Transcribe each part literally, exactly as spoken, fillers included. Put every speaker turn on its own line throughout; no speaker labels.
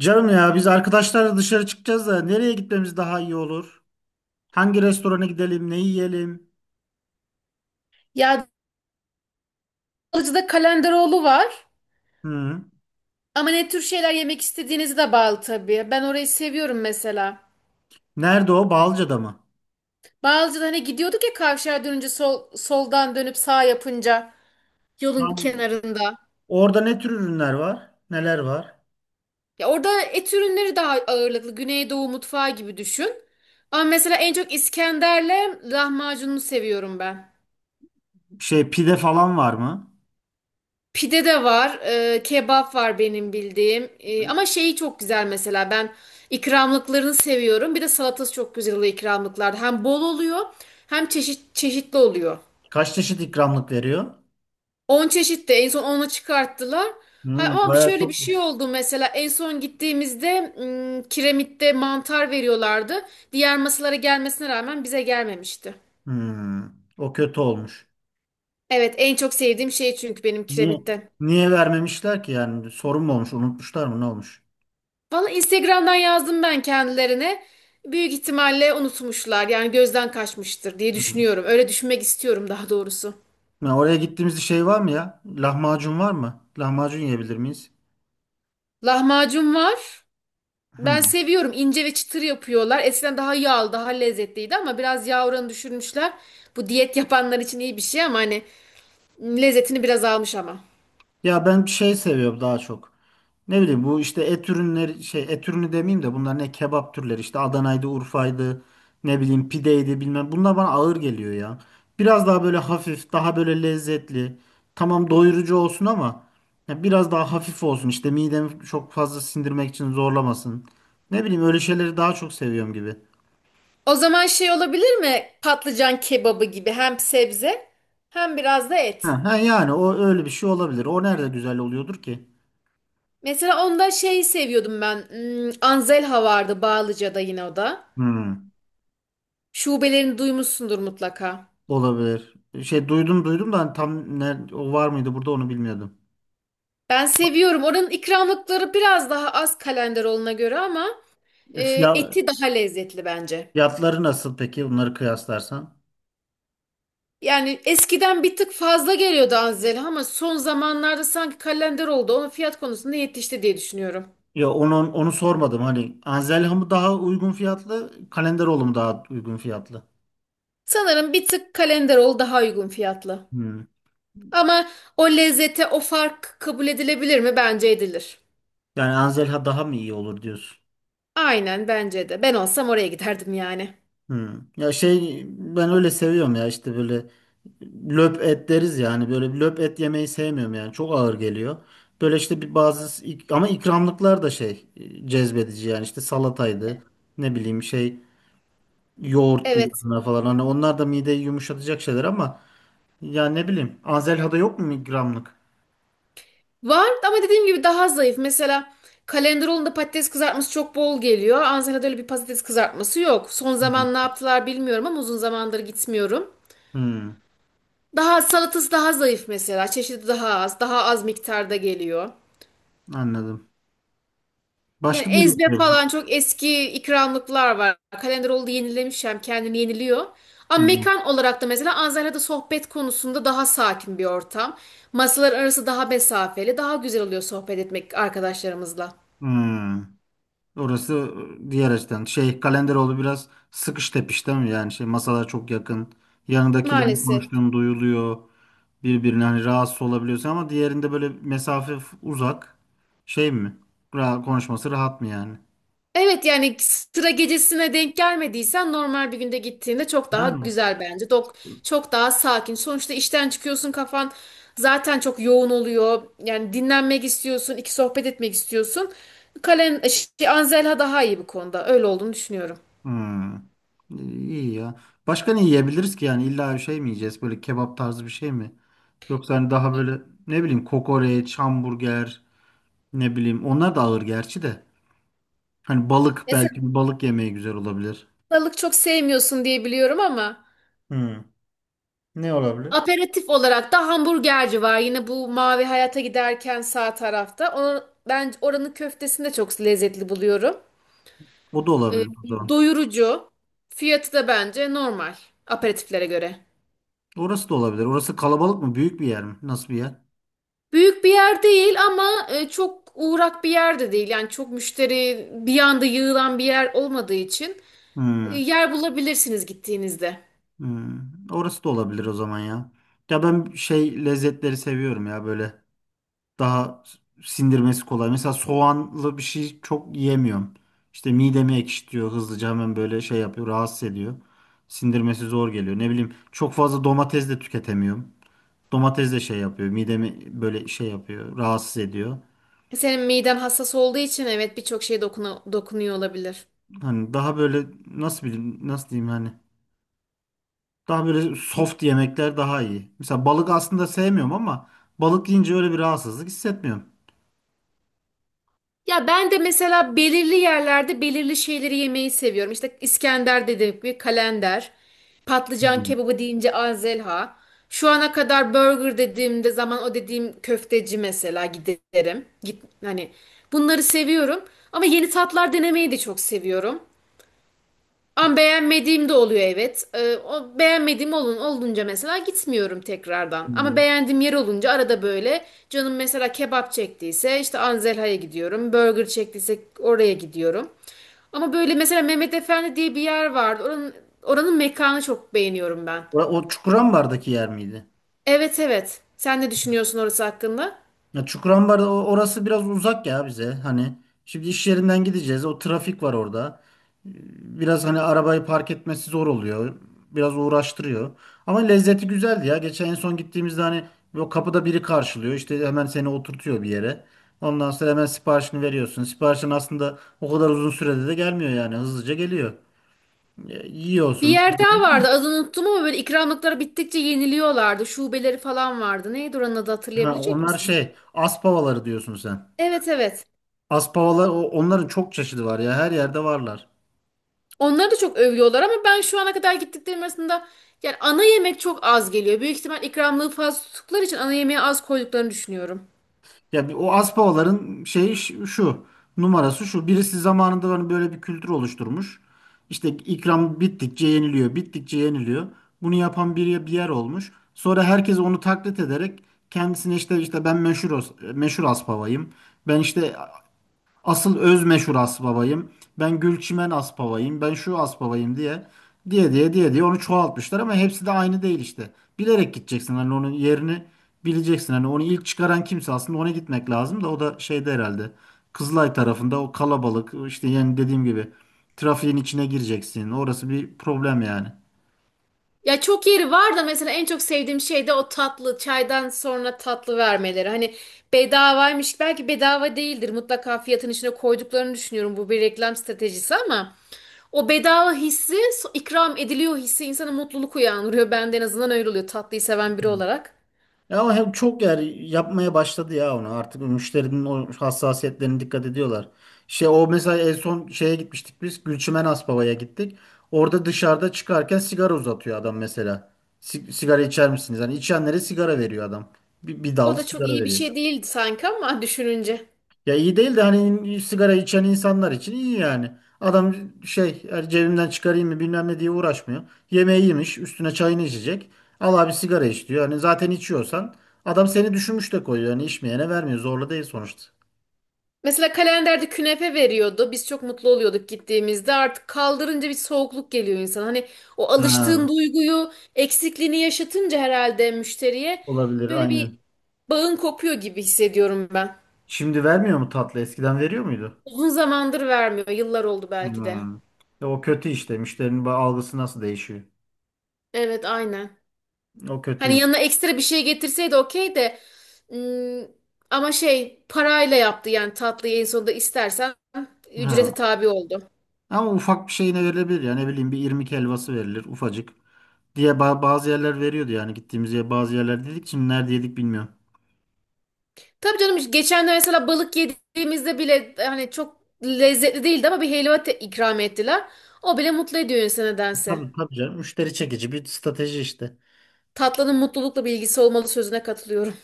Canım ya biz arkadaşlarla dışarı çıkacağız da nereye gitmemiz daha iyi olur? Hangi restorana gidelim, ne yiyelim?
Ya Balıcı'da Kalenderoğlu var.
Hı.
Ama ne tür şeyler yemek istediğinizi de bağlı tabii. Ben orayı seviyorum mesela.
Nerede o? Balca'da mı?
Bağlıcı'da hani gidiyorduk ya kavşağa dönünce sol, soldan dönüp sağ yapınca yolun
Tam.
kenarında.
Orada ne tür ürünler var? Neler var?
Ya orada et ürünleri daha ağırlıklı. Güneydoğu mutfağı gibi düşün. Ama mesela en çok İskender'le lahmacununu seviyorum ben.
Şey pide falan var mı?
Pide de var, e, kebap var benim bildiğim. E, ama şeyi çok güzel mesela ben ikramlıklarını seviyorum. Bir de salatası çok güzel oluyor ikramlıklarda. Hem bol oluyor hem çeşit çeşitli oluyor.
Kaç çeşit ikramlık veriyor?
On çeşit de en son onu çıkarttılar. Ha,
Hı,
ama
bayağı
şöyle bir şey
çokmuş.
oldu mesela en son gittiğimizde m, kiremitte mantar veriyorlardı. Diğer masalara gelmesine rağmen bize gelmemişti.
Hı, o kötü olmuş.
Evet en çok sevdiğim şey çünkü benim
Niye?
kiremitten.
Niye vermemişler ki yani? Sorun mu olmuş? Unutmuşlar mı? Ne olmuş?
Valla Instagram'dan yazdım ben kendilerine. Büyük ihtimalle unutmuşlar. Yani gözden kaçmıştır diye
Hı.
düşünüyorum. Öyle düşünmek istiyorum daha doğrusu.
Ya oraya gittiğimizde şey var mı ya? Lahmacun var mı? Lahmacun yiyebilir miyiz?
Lahmacun var.
Hı.
Ben seviyorum. İnce ve çıtır yapıyorlar. Eskiden daha yağlı, daha lezzetliydi ama biraz yağ oranı düşürmüşler. Bu diyet yapanlar için iyi bir şey ama hani lezzetini biraz almış ama.
Ya ben şey seviyorum daha çok. Ne bileyim bu işte et ürünleri şey et ürünü demeyeyim de bunlar ne kebap türleri işte Adana'ydı, Urfa'ydı, ne bileyim pideydi bilmem. Bunlar bana ağır geliyor ya. Biraz daha böyle hafif, daha böyle lezzetli. Tamam doyurucu olsun ama ya biraz daha hafif olsun. İşte midemi çok fazla sindirmek için zorlamasın. Ne bileyim öyle şeyleri daha çok seviyorum gibi.
O zaman şey olabilir mi? Patlıcan kebabı gibi hem sebze hem biraz da et.
Ha, ha yani o öyle bir şey olabilir. O nerede güzel oluyordur ki?
Mesela onda şeyi seviyordum ben. Hmm, Anzelha vardı Bağlıca'da yine o da.
Hmm.
Şubelerini duymuşsundur mutlaka.
Olabilir. Şey duydum duydum da hani tam ne, o var mıydı burada onu bilmiyordum.
Ben seviyorum. Oranın ikramlıkları biraz daha az Kalenderoğlu'na göre ama
E,
e,
fiya-
eti daha lezzetli bence.
fiyatları nasıl peki onları kıyaslarsan?
Yani eskiden bir tık fazla geliyordu Anzel'e ama son zamanlarda sanki Kalenderoğlu da onun fiyat konusunda yetişti diye düşünüyorum.
Ya onu onu sormadım hani Anzelha mı daha uygun fiyatlı, Kalenderoğlu mu daha uygun fiyatlı?
Sanırım bir tık Kalenderoğlu daha uygun fiyatlı.
Hmm.
Ama o lezzete o fark kabul edilebilir mi? Bence edilir.
Yani Anzelha daha mı iyi olur diyorsun?
Aynen bence de. Ben olsam oraya giderdim yani.
Hmm. Ya şey ben öyle seviyorum ya işte böyle löp et deriz ya hani böyle bir löp et yemeyi sevmiyorum yani çok ağır geliyor. Böyle işte bir bazı ik- ama ikramlıklar da şey e, cezbedici yani işte salataydı ne bileyim şey yoğurttu
Evet.
yanına falan hani onlar da mideyi yumuşatacak şeyler ama ya ne bileyim Anzelha'da yok mu ikramlık?
Var ama dediğim gibi daha zayıf. Mesela Kalenderoğlu'nda patates kızartması çok bol geliyor. Ansela'da öyle bir patates kızartması yok. Son
Hmm.
zaman ne yaptılar bilmiyorum ama uzun zamandır gitmiyorum.
Hmm.
Daha salatası daha zayıf mesela. Çeşidi daha az. Daha az miktarda geliyor.
Anladım.
Yani
Başka bir.
ezbe falan çok eski ikramlıklar var. Kalenderoğlu da yenilemiş hem kendini yeniliyor. Ama
Hmm.
mekan olarak da mesela Ansela'da sohbet konusunda daha sakin bir ortam. Masalar arası daha mesafeli. Daha güzel oluyor sohbet etmek arkadaşlarımızla.
Hmm. Orası e, diğer açıdan. Şey Kalenderoğlu biraz sıkış tepiş değil mi? Yani şey masalar çok yakın. Yanındakilerin
Maalesef.
konuştuğunu duyuluyor. Birbirine hani rahatsız olabiliyorsun ama diğerinde böyle mesafe f- uzak. Şey mi? Ra konuşması rahat mı yani?
Evet yani sıra gecesine denk gelmediysen normal bir günde gittiğinde çok daha
Yani.
güzel bence. Dok çok daha sakin. Sonuçta işten çıkıyorsun kafan zaten çok yoğun oluyor. Yani dinlenmek istiyorsun, iki sohbet etmek istiyorsun. Kalen e, şey, Anzelha daha iyi bu konuda. Öyle olduğunu düşünüyorum.
Hmm. İyi ya. Başka ne yiyebiliriz ki yani? İlla bir şey mi yiyeceğiz? Böyle kebap tarzı bir şey mi? Yoksa hani daha böyle ne bileyim kokoreç, hamburger, ne bileyim onlar da ağır gerçi de. Hani balık belki
Mesela
bir balık yemeği güzel olabilir.
balık çok sevmiyorsun diye biliyorum ama
Hmm. Ne olabilir?
aperatif olarak da hamburgerci var. Yine bu Mavi Hayat'a giderken sağ tarafta. Onu, ben oranın köftesini de çok lezzetli buluyorum.
O da
E,
olabilir o zaman.
doyurucu. Fiyatı da bence normal aperatiflere göre.
Orası da olabilir. Orası kalabalık mı? Büyük bir yer mi? Nasıl bir yer?
Büyük bir yer değil ama e, çok uğrak bir yer de değil. Yani çok müşteri bir anda yığılan bir yer olmadığı için e,
Hmm.
yer bulabilirsiniz gittiğinizde.
Hmm. Orası da olabilir o zaman ya. Ya ben şey lezzetleri seviyorum ya böyle daha sindirmesi kolay. Mesela soğanlı bir şey çok yiyemiyorum. İşte midemi ekşitiyor hızlıca hemen böyle şey yapıyor rahatsız ediyor. Sindirmesi zor geliyor. Ne bileyim çok fazla domates de tüketemiyorum. Domates de şey yapıyor midemi böyle şey yapıyor rahatsız ediyor.
Senin miden hassas olduğu için evet birçok şeye dokunu- dokunuyor olabilir.
Hani daha böyle nasıl bileyim nasıl diyeyim hani daha böyle soft yemekler daha iyi. Mesela balık aslında sevmiyorum ama balık yiyince öyle bir rahatsızlık hissetmiyorum.
Ya ben de mesela belirli yerlerde belirli şeyleri yemeyi seviyorum. İşte İskender dediğim gibi kalender, patlıcan
Hmm.
kebabı deyince Azelha. Şu ana kadar burger dediğimde zaman o dediğim köfteci mesela giderim. Git, hani bunları seviyorum. Ama yeni tatlar denemeyi de çok seviyorum. Ama beğenmediğim de oluyor evet. Ee, o beğenmediğim olun, olunca mesela gitmiyorum tekrardan. Ama
Hı.
beğendiğim yer olunca arada böyle canım mesela kebap çektiyse işte Anzelha'ya gidiyorum. Burger çektiyse oraya gidiyorum. Ama böyle mesela Mehmet Efendi diye bir yer vardı. Oranın, oranın mekanı çok beğeniyorum ben.
O, o Çukurambar'daki yer miydi?
Evet evet. Sen ne düşünüyorsun orası hakkında?
Ya Çukurambar o- orası biraz uzak ya bize. Hani şimdi iş yerinden gideceğiz. O trafik var orada. Biraz hani arabayı park etmesi zor oluyor. Biraz uğraştırıyor. Ama lezzeti güzeldi ya. Geçen en son gittiğimizde hani o kapıda biri karşılıyor. İşte hemen seni oturtuyor bir yere. Ondan sonra hemen siparişini veriyorsun. Siparişin aslında o kadar uzun sürede de gelmiyor yani. Hızlıca geliyor. E,
Bir
yiyorsun.
yer daha vardı adını unuttum ama böyle ikramlıkları bittikçe yeniliyorlardı. Şubeleri falan vardı. Neydi oranın adı
Ha,
hatırlayabilecek
onlar
misin?
şey, aspavaları diyorsun sen.
Evet evet.
Aspavalar o- onların çok çeşidi var ya. Her yerde varlar.
Onları da çok övüyorlar ama ben şu ana kadar gittiklerim arasında yani ana yemek çok az geliyor. Büyük ihtimal ikramlığı fazla tuttukları için ana yemeğe az koyduklarını düşünüyorum.
Ya bir- o Aspavaların şeyi ş- şu numarası şu. Birisi zamanında hani böyle bir kültür oluşturmuş. İşte ikram bittikçe yeniliyor, bittikçe yeniliyor. Bunu yapan bir, bir yer olmuş. Sonra herkes onu taklit ederek kendisine işte işte ben meşhur os- meşhur Aspavayım. Ben işte asıl öz meşhur Asbabayım. Ben Gülçimen Asbabayım. Ben şu Asbabayım diye diye diye diye diye onu çoğaltmışlar ama hepsi de aynı değil işte. Bilerek gideceksin hani onun yerini bileceksin. Hani onu ilk çıkaran kimse aslında ona gitmek lazım da o da şeyde herhalde. Kızılay tarafında o kalabalık işte yani dediğim gibi trafiğin içine gireceksin. Orası bir problem yani.
Ya çok yeri var da mesela en çok sevdiğim şey de o tatlı çaydan sonra tatlı vermeleri. Hani bedavaymış belki bedava değildir mutlaka fiyatın içine koyduklarını düşünüyorum bu bir reklam stratejisi ama o bedava hissi so- ikram ediliyor hissi insana mutluluk uyandırıyor. Ben en azından öyle oluyor tatlıyı seven biri olarak.
Ya ama hem çok yer yapmaya başladı ya onu. Artık müşterinin o hassasiyetlerine dikkat ediyorlar. Şey o mesela en son şeye gitmiştik biz. Gülçimen Aspava'ya gittik. Orada dışarıda çıkarken sigara uzatıyor adam mesela. Si- sigara içer misiniz? Yani içenlere sigara veriyor adam. Bir, bir dal
O da çok
sigara
iyi bir
veriyor.
şey değildi sanki ama düşününce.
Ya iyi değil de hani sigara içen insanlar için iyi yani. Adam şey yani cebimden çıkarayım mı bilmem ne diye uğraşmıyor. Yemeği yemiş üstüne çayını içecek. Al abi sigara iç diyor. Hani zaten içiyorsan adam seni düşünmüş de koyuyor. Hani içmeyene vermiyor zorla değil sonuçta.
Mesela kalenderde künefe veriyordu. Biz çok mutlu oluyorduk gittiğimizde. Artık kaldırınca bir soğukluk geliyor insan. Hani o
Ha,
alıştığın duyguyu, eksikliğini yaşatınca herhalde müşteriye
olabilir
böyle bir
aynen.
bağın kopuyor gibi hissediyorum ben.
Şimdi vermiyor mu tatlı eskiden veriyor muydu?
Uzun zamandır vermiyor. Yıllar oldu belki de.
Hmm. Ya o kötü işte müşterinin ba- algısı nasıl değişiyor?
Evet, aynen.
O
Hani
kötüyüm.
yanına ekstra bir şey getirseydi okey de ım, ama şey parayla yaptı yani tatlıyı en sonunda istersen ücrete
Ha.
tabi oldu.
Ama ufak bir şeyine verilebilir yani ne bileyim bir irmik helvası verilir ufacık. Diye ba- bazı yerler veriyordu yani gittiğimiz yer bazı yerler dedik şimdi nerede yedik bilmiyorum.
Tabii canım geçenler mesela balık yediğimizde bile hani çok lezzetli değildi ama bir helva te- ikram ettiler. O bile mutlu ediyor insanı nedense.
Tabii tabii canım müşteri çekici bir strateji işte.
Tatlının mutlulukla bir ilgisi olmalı sözüne katılıyorum.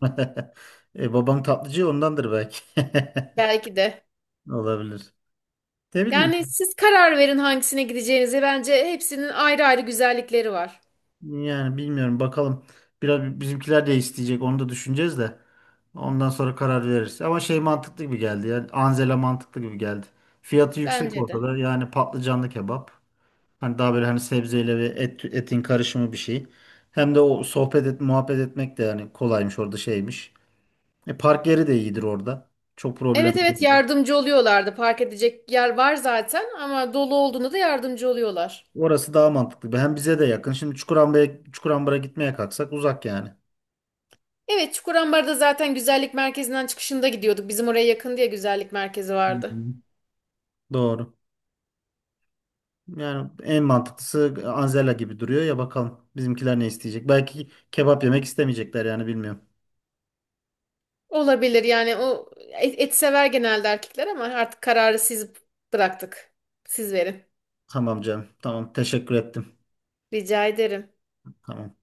E, babam tatlıcı ondandır belki.
Belki de.
Olabilir. Ne bileyim
Yani siz karar verin hangisine gideceğinize. Bence hepsinin ayrı ayrı güzellikleri var.
yani bilmiyorum bakalım. Biraz bizimkiler de isteyecek onu da düşüneceğiz de. Ondan sonra karar veririz. Ama şey mantıklı gibi geldi yani Anzela mantıklı gibi geldi. Fiyatı yüksek
Bence de.
ortada yani patlıcanlı kebap. Hani daha böyle hani sebzeyle ve et, etin karışımı bir şey. Hem de o sohbet et, muhabbet etmek de yani kolaymış orada şeymiş. E, park yeri de iyidir orada. Çok problem
Evet evet
değil.
yardımcı oluyorlardı. Park edecek yer var zaten ama dolu olduğunda da yardımcı oluyorlar.
Orası daha mantıklı. Hem bize de yakın. Şimdi Çukurambara'ya Çukurambar'a gitmeye kalksak uzak yani.
Evet Çukurambar'da zaten güzellik merkezinden çıkışında gidiyorduk. Bizim oraya yakın diye güzellik merkezi
Hı
vardı.
hı. Doğru. Yani en mantıklısı Anzela gibi duruyor ya bakalım bizimkiler ne isteyecek. Belki kebap yemek istemeyecekler yani bilmiyorum.
Olabilir yani o et, et sever genelde erkekler ama artık kararı siz bıraktık. Siz verin.
Tamam canım. Tamam teşekkür ettim.
Rica ederim.
Tamam.